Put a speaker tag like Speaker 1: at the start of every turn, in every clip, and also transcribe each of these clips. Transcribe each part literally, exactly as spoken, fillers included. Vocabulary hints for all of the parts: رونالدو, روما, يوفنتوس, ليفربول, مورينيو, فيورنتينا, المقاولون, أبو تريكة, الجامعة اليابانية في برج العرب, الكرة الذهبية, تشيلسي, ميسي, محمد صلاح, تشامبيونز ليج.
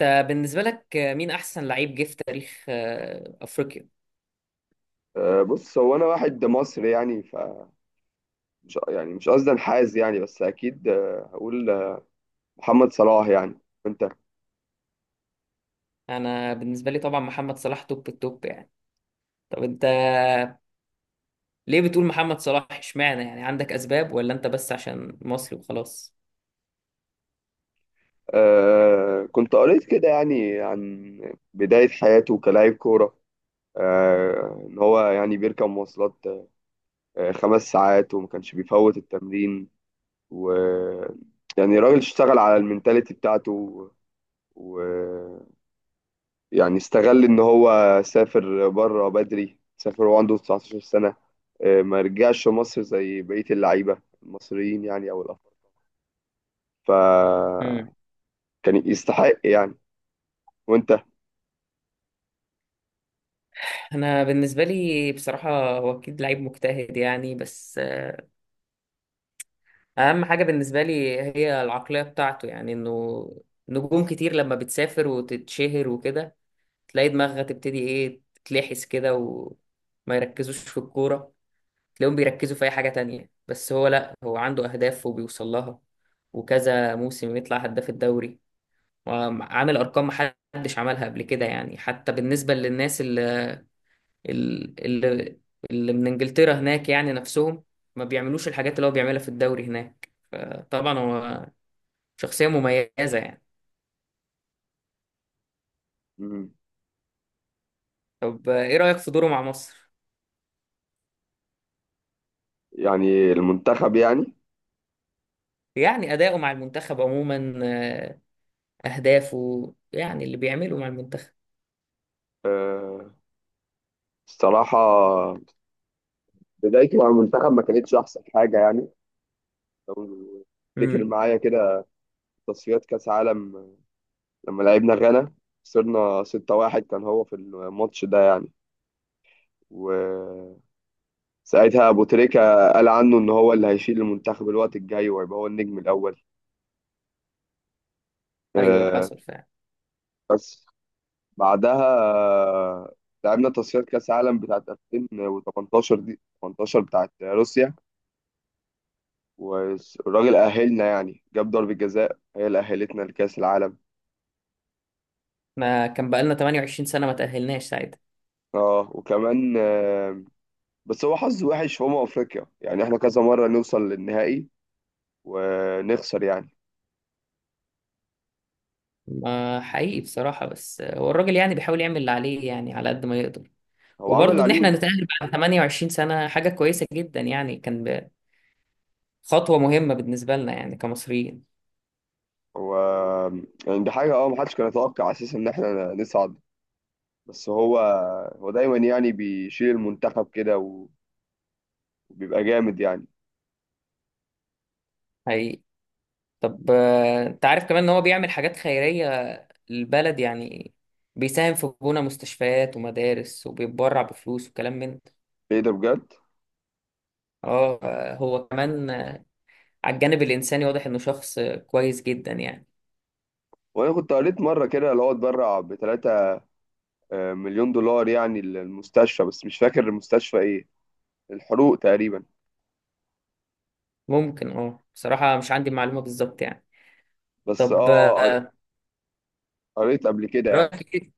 Speaker 1: انت بالنسبة لك مين أحسن لعيب جه في تاريخ آه، أفريقيا؟
Speaker 2: آه، بص هو انا واحد مصري يعني فمش يعني مش قصدي انحاز يعني بس اكيد آه، هقول آه، محمد صلاح يعني. وانت؟
Speaker 1: أنا بالنسبة لي طبعا محمد صلاح توب التوب يعني. طب أنت ليه بتقول محمد صلاح اشمعنى يعني عندك أسباب ولا أنت بس عشان مصري وخلاص؟
Speaker 2: آه، كنت قريت كده يعني عن بداية حياته كلاعب كورة. آه، ان هو يعني بيركب مواصلات آه خمس ساعات وما كانش بيفوت التمرين. و يعني الراجل اشتغل على المينتاليتي بتاعته و... يعني استغل ان هو سافر بره بدري. سافر وهو عنده تسعتاشر سنة، آه، ما رجعش مصر زي بقية اللعيبة المصريين يعني او الافارقة،
Speaker 1: مم.
Speaker 2: فكان يستحق يعني. وانت؟
Speaker 1: أنا بالنسبة لي بصراحة هو أكيد لعيب مجتهد يعني بس آه، أهم حاجة بالنسبة لي هي العقلية بتاعته، يعني إنه نجوم كتير لما بتسافر وتتشهر وكده تلاقي دماغها تبتدي إيه تتلحس كده وما يركزوش في الكورة، تلاقيهم بيركزوا في اي حاجة تانية. بس هو لا، هو عنده اهداف وبيوصل لها، وكذا موسم يطلع هداف الدوري، وعامل ارقام محدش عملها قبل كده يعني. حتى بالنسبة للناس اللي اللي, اللي من انجلترا هناك يعني نفسهم ما بيعملوش الحاجات اللي هو بيعملها في الدوري هناك، فطبعا هو شخصية مميزة يعني.
Speaker 2: مم.
Speaker 1: طب ايه رأيك في دوره مع مصر؟
Speaker 2: يعني المنتخب يعني.
Speaker 1: يعني أداؤه مع المنتخب عموما، آه، أهدافه يعني اللي بيعمله مع المنتخب.
Speaker 2: آه، الصراحة، بدايته مع المنتخب ما كانتش احسن حاجة يعني. لو تفتكر
Speaker 1: امم،
Speaker 2: معايا كده تصفيات كأس عالم لما لعبنا غانا، خسرنا ستة واحد. كان هو في الماتش ده يعني. و ساعتها ابو تريكة قال عنه ان هو اللي هيشيل المنتخب الوقت الجاي وهيبقى هو النجم الاول.
Speaker 1: ايوه
Speaker 2: آه،
Speaker 1: حصل فعلا.
Speaker 2: بس بعدها آه، لعبنا تصفيات كاس عالم بتاعت ألفين وتمنتاشر، دي ثمانية عشر بتاعت روسيا. والراجل اهلنا يعني، جاب ضربة جزاء هي اللي اهلتنا لكاس العالم.
Speaker 1: ما كان بقالنا تمنتاشر سنة ما تأهلناش ساعتها.
Speaker 2: اه وكمان آه، بس هو حظ وحش في امم افريقيا يعني. احنا كذا مرة نوصل للنهائي ونخسر يعني.
Speaker 1: ما حقيقي بصراحة، بس هو الراجل يعني بيحاول يعمل اللي عليه يعني على قد ما يقدر.
Speaker 2: هو عمل اللي
Speaker 1: وبرضه إن إحنا
Speaker 2: عليه.
Speaker 1: نتأهل بعد ثمانية وعشرين سنة حاجة كويسة جدا يعني، كان ب- خطوة مهمة بالنسبة لنا يعني كمصريين.
Speaker 2: هو يعني دي حاجة اه محدش كان يتوقع اساسا ان احنا نصعد. بس هو، هو دايما يعني بيشيل المنتخب كده و- وبيبقى جامد يعني.
Speaker 1: حقيقي. طب آه، أنت عارف كمان إن هو بيعمل حاجات خيرية للبلد يعني، بيساهم في بناء مستشفيات ومدارس وبيتبرع بفلوس وكلام من ده.
Speaker 2: ايه ده بجد!
Speaker 1: اه، آه، هو كمان، آه، على الجانب الإنساني واضح إنه شخص آه، كويس جدا يعني.
Speaker 2: وانا كنت قريت مره كده اللي هو اتبرع ب تلاتة مليون دولار يعني للمستشفى، بس مش فاكر المستشفى ايه. الحروق تقريبا.
Speaker 1: ممكن اه، بصراحة مش عندي معلومة بالظبط يعني.
Speaker 2: بس
Speaker 1: طب
Speaker 2: اه قر-
Speaker 1: آه،
Speaker 2: قريت قبل كده يعني.
Speaker 1: رأيك إيه؟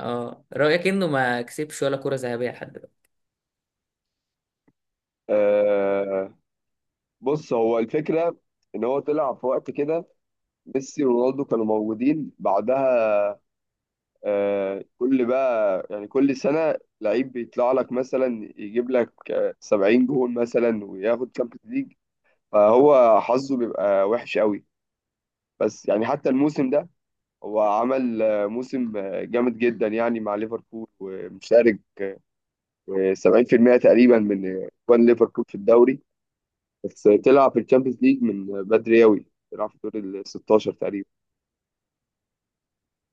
Speaker 1: اه رأيك انه ما كسبش ولا كرة ذهبية لحد دلوقتي.
Speaker 2: آه، بص هو الفكره ان هو طلع في وقت كده ميسي ورونالدو كانوا موجودين. بعدها آه، كل بقى يعني كل سنة لعيب بيطلع لك مثلا يجيب لك آه، سبعين جون مثلا وياخد تشامبيونز ليج. فهو حظه بيبقى وحش قوي. بس يعني حتى الموسم ده هو عمل آه، موسم آه، جامد جدا يعني مع ليفربول، ومشارك آه، سبعين في المية تقريبا من اجوان ليفربول في الدوري. بس طلع في الشامبيونز ليج من آه، بدري قوي، طلع في دور ال ستاشر تقريبا.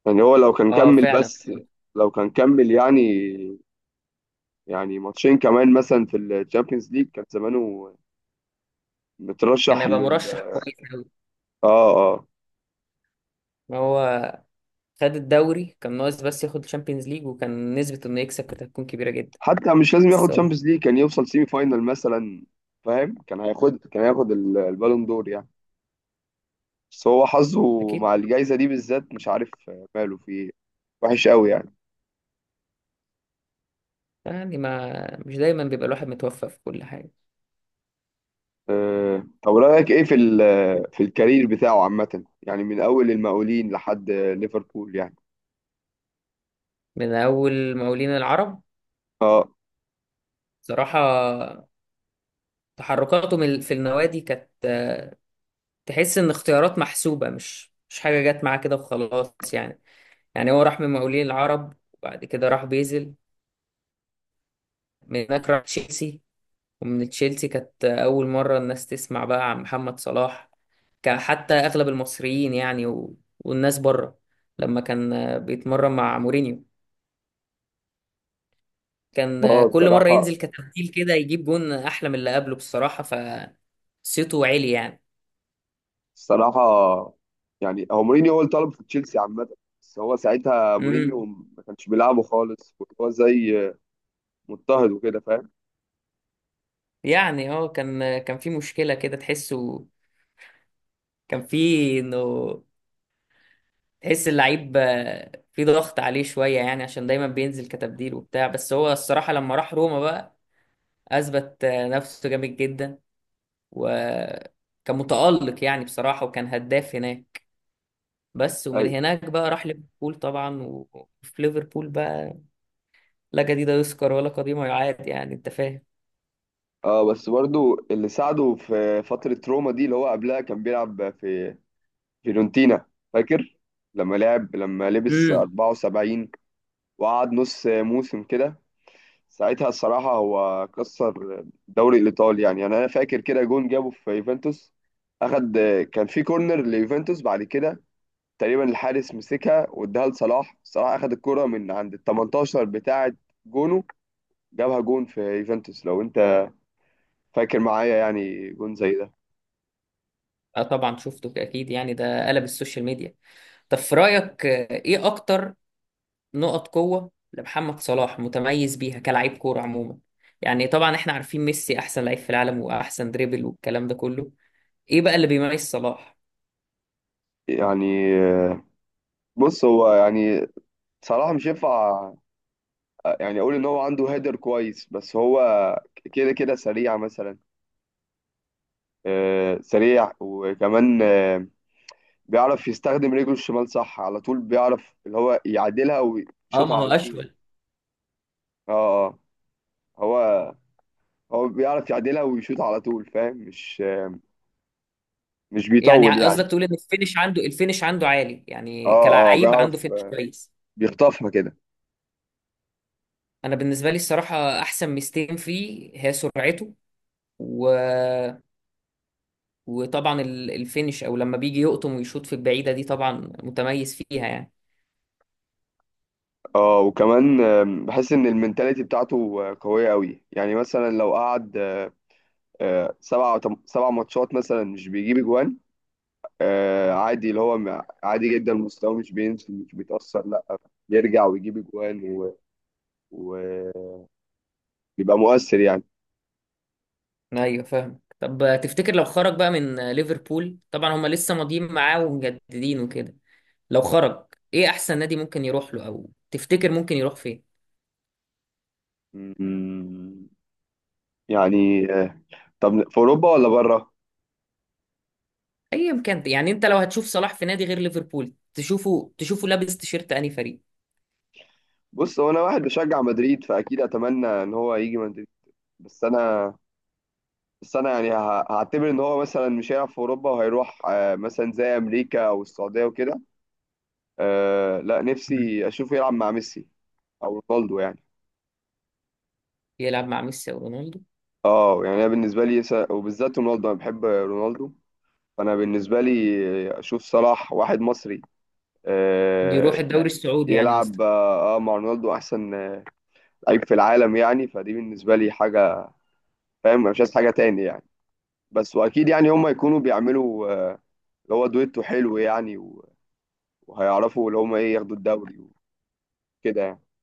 Speaker 2: يعني هو لو كان
Speaker 1: اه
Speaker 2: كمل،
Speaker 1: فعلا،
Speaker 2: بس لو كان كمل يعني، يعني ماتشين كمان مثلا في الشامبيونز ليج كان زمانه
Speaker 1: كان
Speaker 2: مترشح
Speaker 1: هيبقى
Speaker 2: لل...
Speaker 1: مرشح كويس قوي.
Speaker 2: اه اه.
Speaker 1: هو خد الدوري، كان ناقص بس ياخد الشامبيونز ليج وكان نسبة انه يكسب كانت هتكون كبيرة جدا.
Speaker 2: حتى مش لازم
Speaker 1: بس
Speaker 2: ياخد
Speaker 1: هو
Speaker 2: شامبيونز ليج، كان يوصل سيمي فاينال مثلا. فاهم، كان هياخد كان هياخد ال- البالون دور يعني. بس هو حظه
Speaker 1: اكيد
Speaker 2: مع الجائزة دي بالذات مش عارف ماله في ايه، وحش قوي يعني.
Speaker 1: يعني، ما مش دايما بيبقى الواحد متوفق في كل حاجة.
Speaker 2: أه طب رأيك ايه في ال- في الكارير بتاعه عامة يعني من اول المقاولين لحد ليفربول يعني.
Speaker 1: من اول مقاولين العرب
Speaker 2: اه
Speaker 1: صراحة، تحركاتهم ال- في النوادي كانت، تحس ان اختيارات محسوبة، مش مش حاجة جت معاه كده وخلاص يعني. يعني هو راح من مقاولين العرب وبعد كده راح بيزل، من هناك راح تشيلسي، ومن تشيلسي كانت أول مرة الناس تسمع بقى عن محمد صلاح. كان حتى أغلب المصريين يعني و... والناس بره لما كان آه، بيتمرن مع مورينيو، كان آه،
Speaker 2: اه.
Speaker 1: كل مرة
Speaker 2: بصراحة
Speaker 1: ينزل كتبديل كده يجيب جون أحلى من اللي قبله بصراحة، فصيته عالي يعني.
Speaker 2: الصراحة، يعني هو مورينيو هو اللي طلبه في تشيلسي عامة. بس هو ساعتها
Speaker 1: امم،
Speaker 2: مورينيو ما كانش بيلعبه خالص، كان هو زي مضطهد وكده فاهم.
Speaker 1: يعني اه كان كان في مشكلة كده تحسه، كان في انه تحس اللعيب آه، في ضغط عليه شوية يعني عشان دايما بينزل كتبديل وبتاع. بس هو الصراحة لما راح روما بقى أثبت آه، نفسه جامد جدا، وكان متألق يعني بصراحة، وكان هداف هناك. بس ومن
Speaker 2: ايوه.
Speaker 1: هناك بقى راح ليفربول طبعا، و- وفي ليفربول بقى لا جديد يذكر ولا قديم يعاد يعني أنت فاهم.
Speaker 2: اه بس برضو اللي ساعده في فترة روما دي اللي هو قبلها كان بيلعب في فيورنتينا. فاكر لما لعب، لما لبس
Speaker 1: امم.
Speaker 2: اربعة وسبعين وقعد نص موسم كده، ساعتها الصراحة هو كسر الدوري الإيطالي يعني. يعني أنا فاكر كده جون جابه في يوفنتوس. أخد، كان في كورنر ليوفنتوس، بعد كده تقريبا الحارس مسكها واداها لصلاح، صلاح اخد الكرة من عند ال تمنتاشر بتاعة جونه، جابها جون في يوفنتوس، لو انت فاكر معايا يعني جون زي ده.
Speaker 1: اه طبعا شفته اكيد يعني، ده قلب السوشيال ميديا. طب في رايك آه، ايه اكتر نقط قوة لمحمد صلاح متميز بيها كلاعب كورة عموما؟ يعني طبعا احنا عارفين ميسي احسن لعيب في العالم واحسن دريبل والكلام ده كله، ايه بقى اللي بيميز صلاح؟
Speaker 2: يعني آه، بص هو يعني صلاح مش ينفع آه، يعني اقول ان هو عنده هيدر كويس، بس هو كده كده سريع مثلا. آه، سريع، وكمان آه، بيعرف يستخدم رجله الشمال صح. على طول بيعرف اللي هو يعدلها
Speaker 1: اه
Speaker 2: ويشوطها
Speaker 1: ما هو
Speaker 2: على طول.
Speaker 1: اشول.
Speaker 2: اه اه. هو، هو بيعرف يعدلها ويشوط على طول فاهم. مش مش
Speaker 1: يعني
Speaker 2: بيطول
Speaker 1: قصدك
Speaker 2: يعني.
Speaker 1: تقول ان الفينش عنده، الفينش عنده عالي، يعني
Speaker 2: اه اه،
Speaker 1: كلاعب عنده
Speaker 2: بيعرف
Speaker 1: فينش كويس.
Speaker 2: بيخطفها كده.
Speaker 1: انا بالنسبة لي الصراحة احسن ميزتين فيه هي سرعته و... وطبعا ال- الفينش، او لما بيجي يقطم ويشوط في البعيدة دي، طبعا متميز فيها يعني.
Speaker 2: اه وكمان آم، بحس ان المنتاليتي بتاعته آه، قوية قوي يعني. مثلا لو قعد آه، آه، سبع تم- سبع ماتشات مثلا مش بيجيب اجوان، آه، عادي. اللي هو م- عادي جدا، مستواه مش بينزل مش بيتأثر، لا، بيرجع ويجيب اجوان و- وبيبقى مؤثر يعني.
Speaker 1: ايوه فاهم. طب تفتكر لو خرج بقى من ليفربول، طبعا هما لسه ماضيين معاه ومجددين وكده، لو خرج ايه احسن نادي ممكن يروح له، او تفتكر ممكن يروح فين؟
Speaker 2: م- يعني آه، طب في اوروبا ولا بره؟
Speaker 1: ايا كان يعني، انت لو هتشوف صلاح في نادي غير ليفربول، تشوفه، تشوفه لابس تيشيرت انهي فريق؟
Speaker 2: بص هو انا واحد بشجع مدريد، فاكيد اتمنى ان هو يجي مدريد. بس انا بس انا يعني ه- هعتبر ان هو مثلا مش هيلعب في اوروبا وهيروح آه، مثلا زي امريكا او السعوديه وكده. آه، لا
Speaker 1: مم.
Speaker 2: نفسي اشوفه يلعب مع ميسي او رونالدو يعني.
Speaker 1: يلعب مع ميسي او رونالدو؟
Speaker 2: اه يعني انا بالنسبه لي س- وبالذات رونالدو، انا بحب رونالدو. فانا بالنسبه لي اشوف صلاح واحد مصري
Speaker 1: يروح
Speaker 2: آه،
Speaker 1: الدوري السعودي يعني قصدي.
Speaker 2: يلعب اه آه، مع رونالدو احسن آه، لعيب في العالم يعني، فدي بالنسبه لي حاجه. فاهم أنا مش عايز حاجه تاني يعني. بس واكيد يعني هم يكونوا بيعملوا آه، اللي هو دويتو حلو يعني و- وهيعرفوا اللي هم ايه ياخدوا الدوري وكده يعني.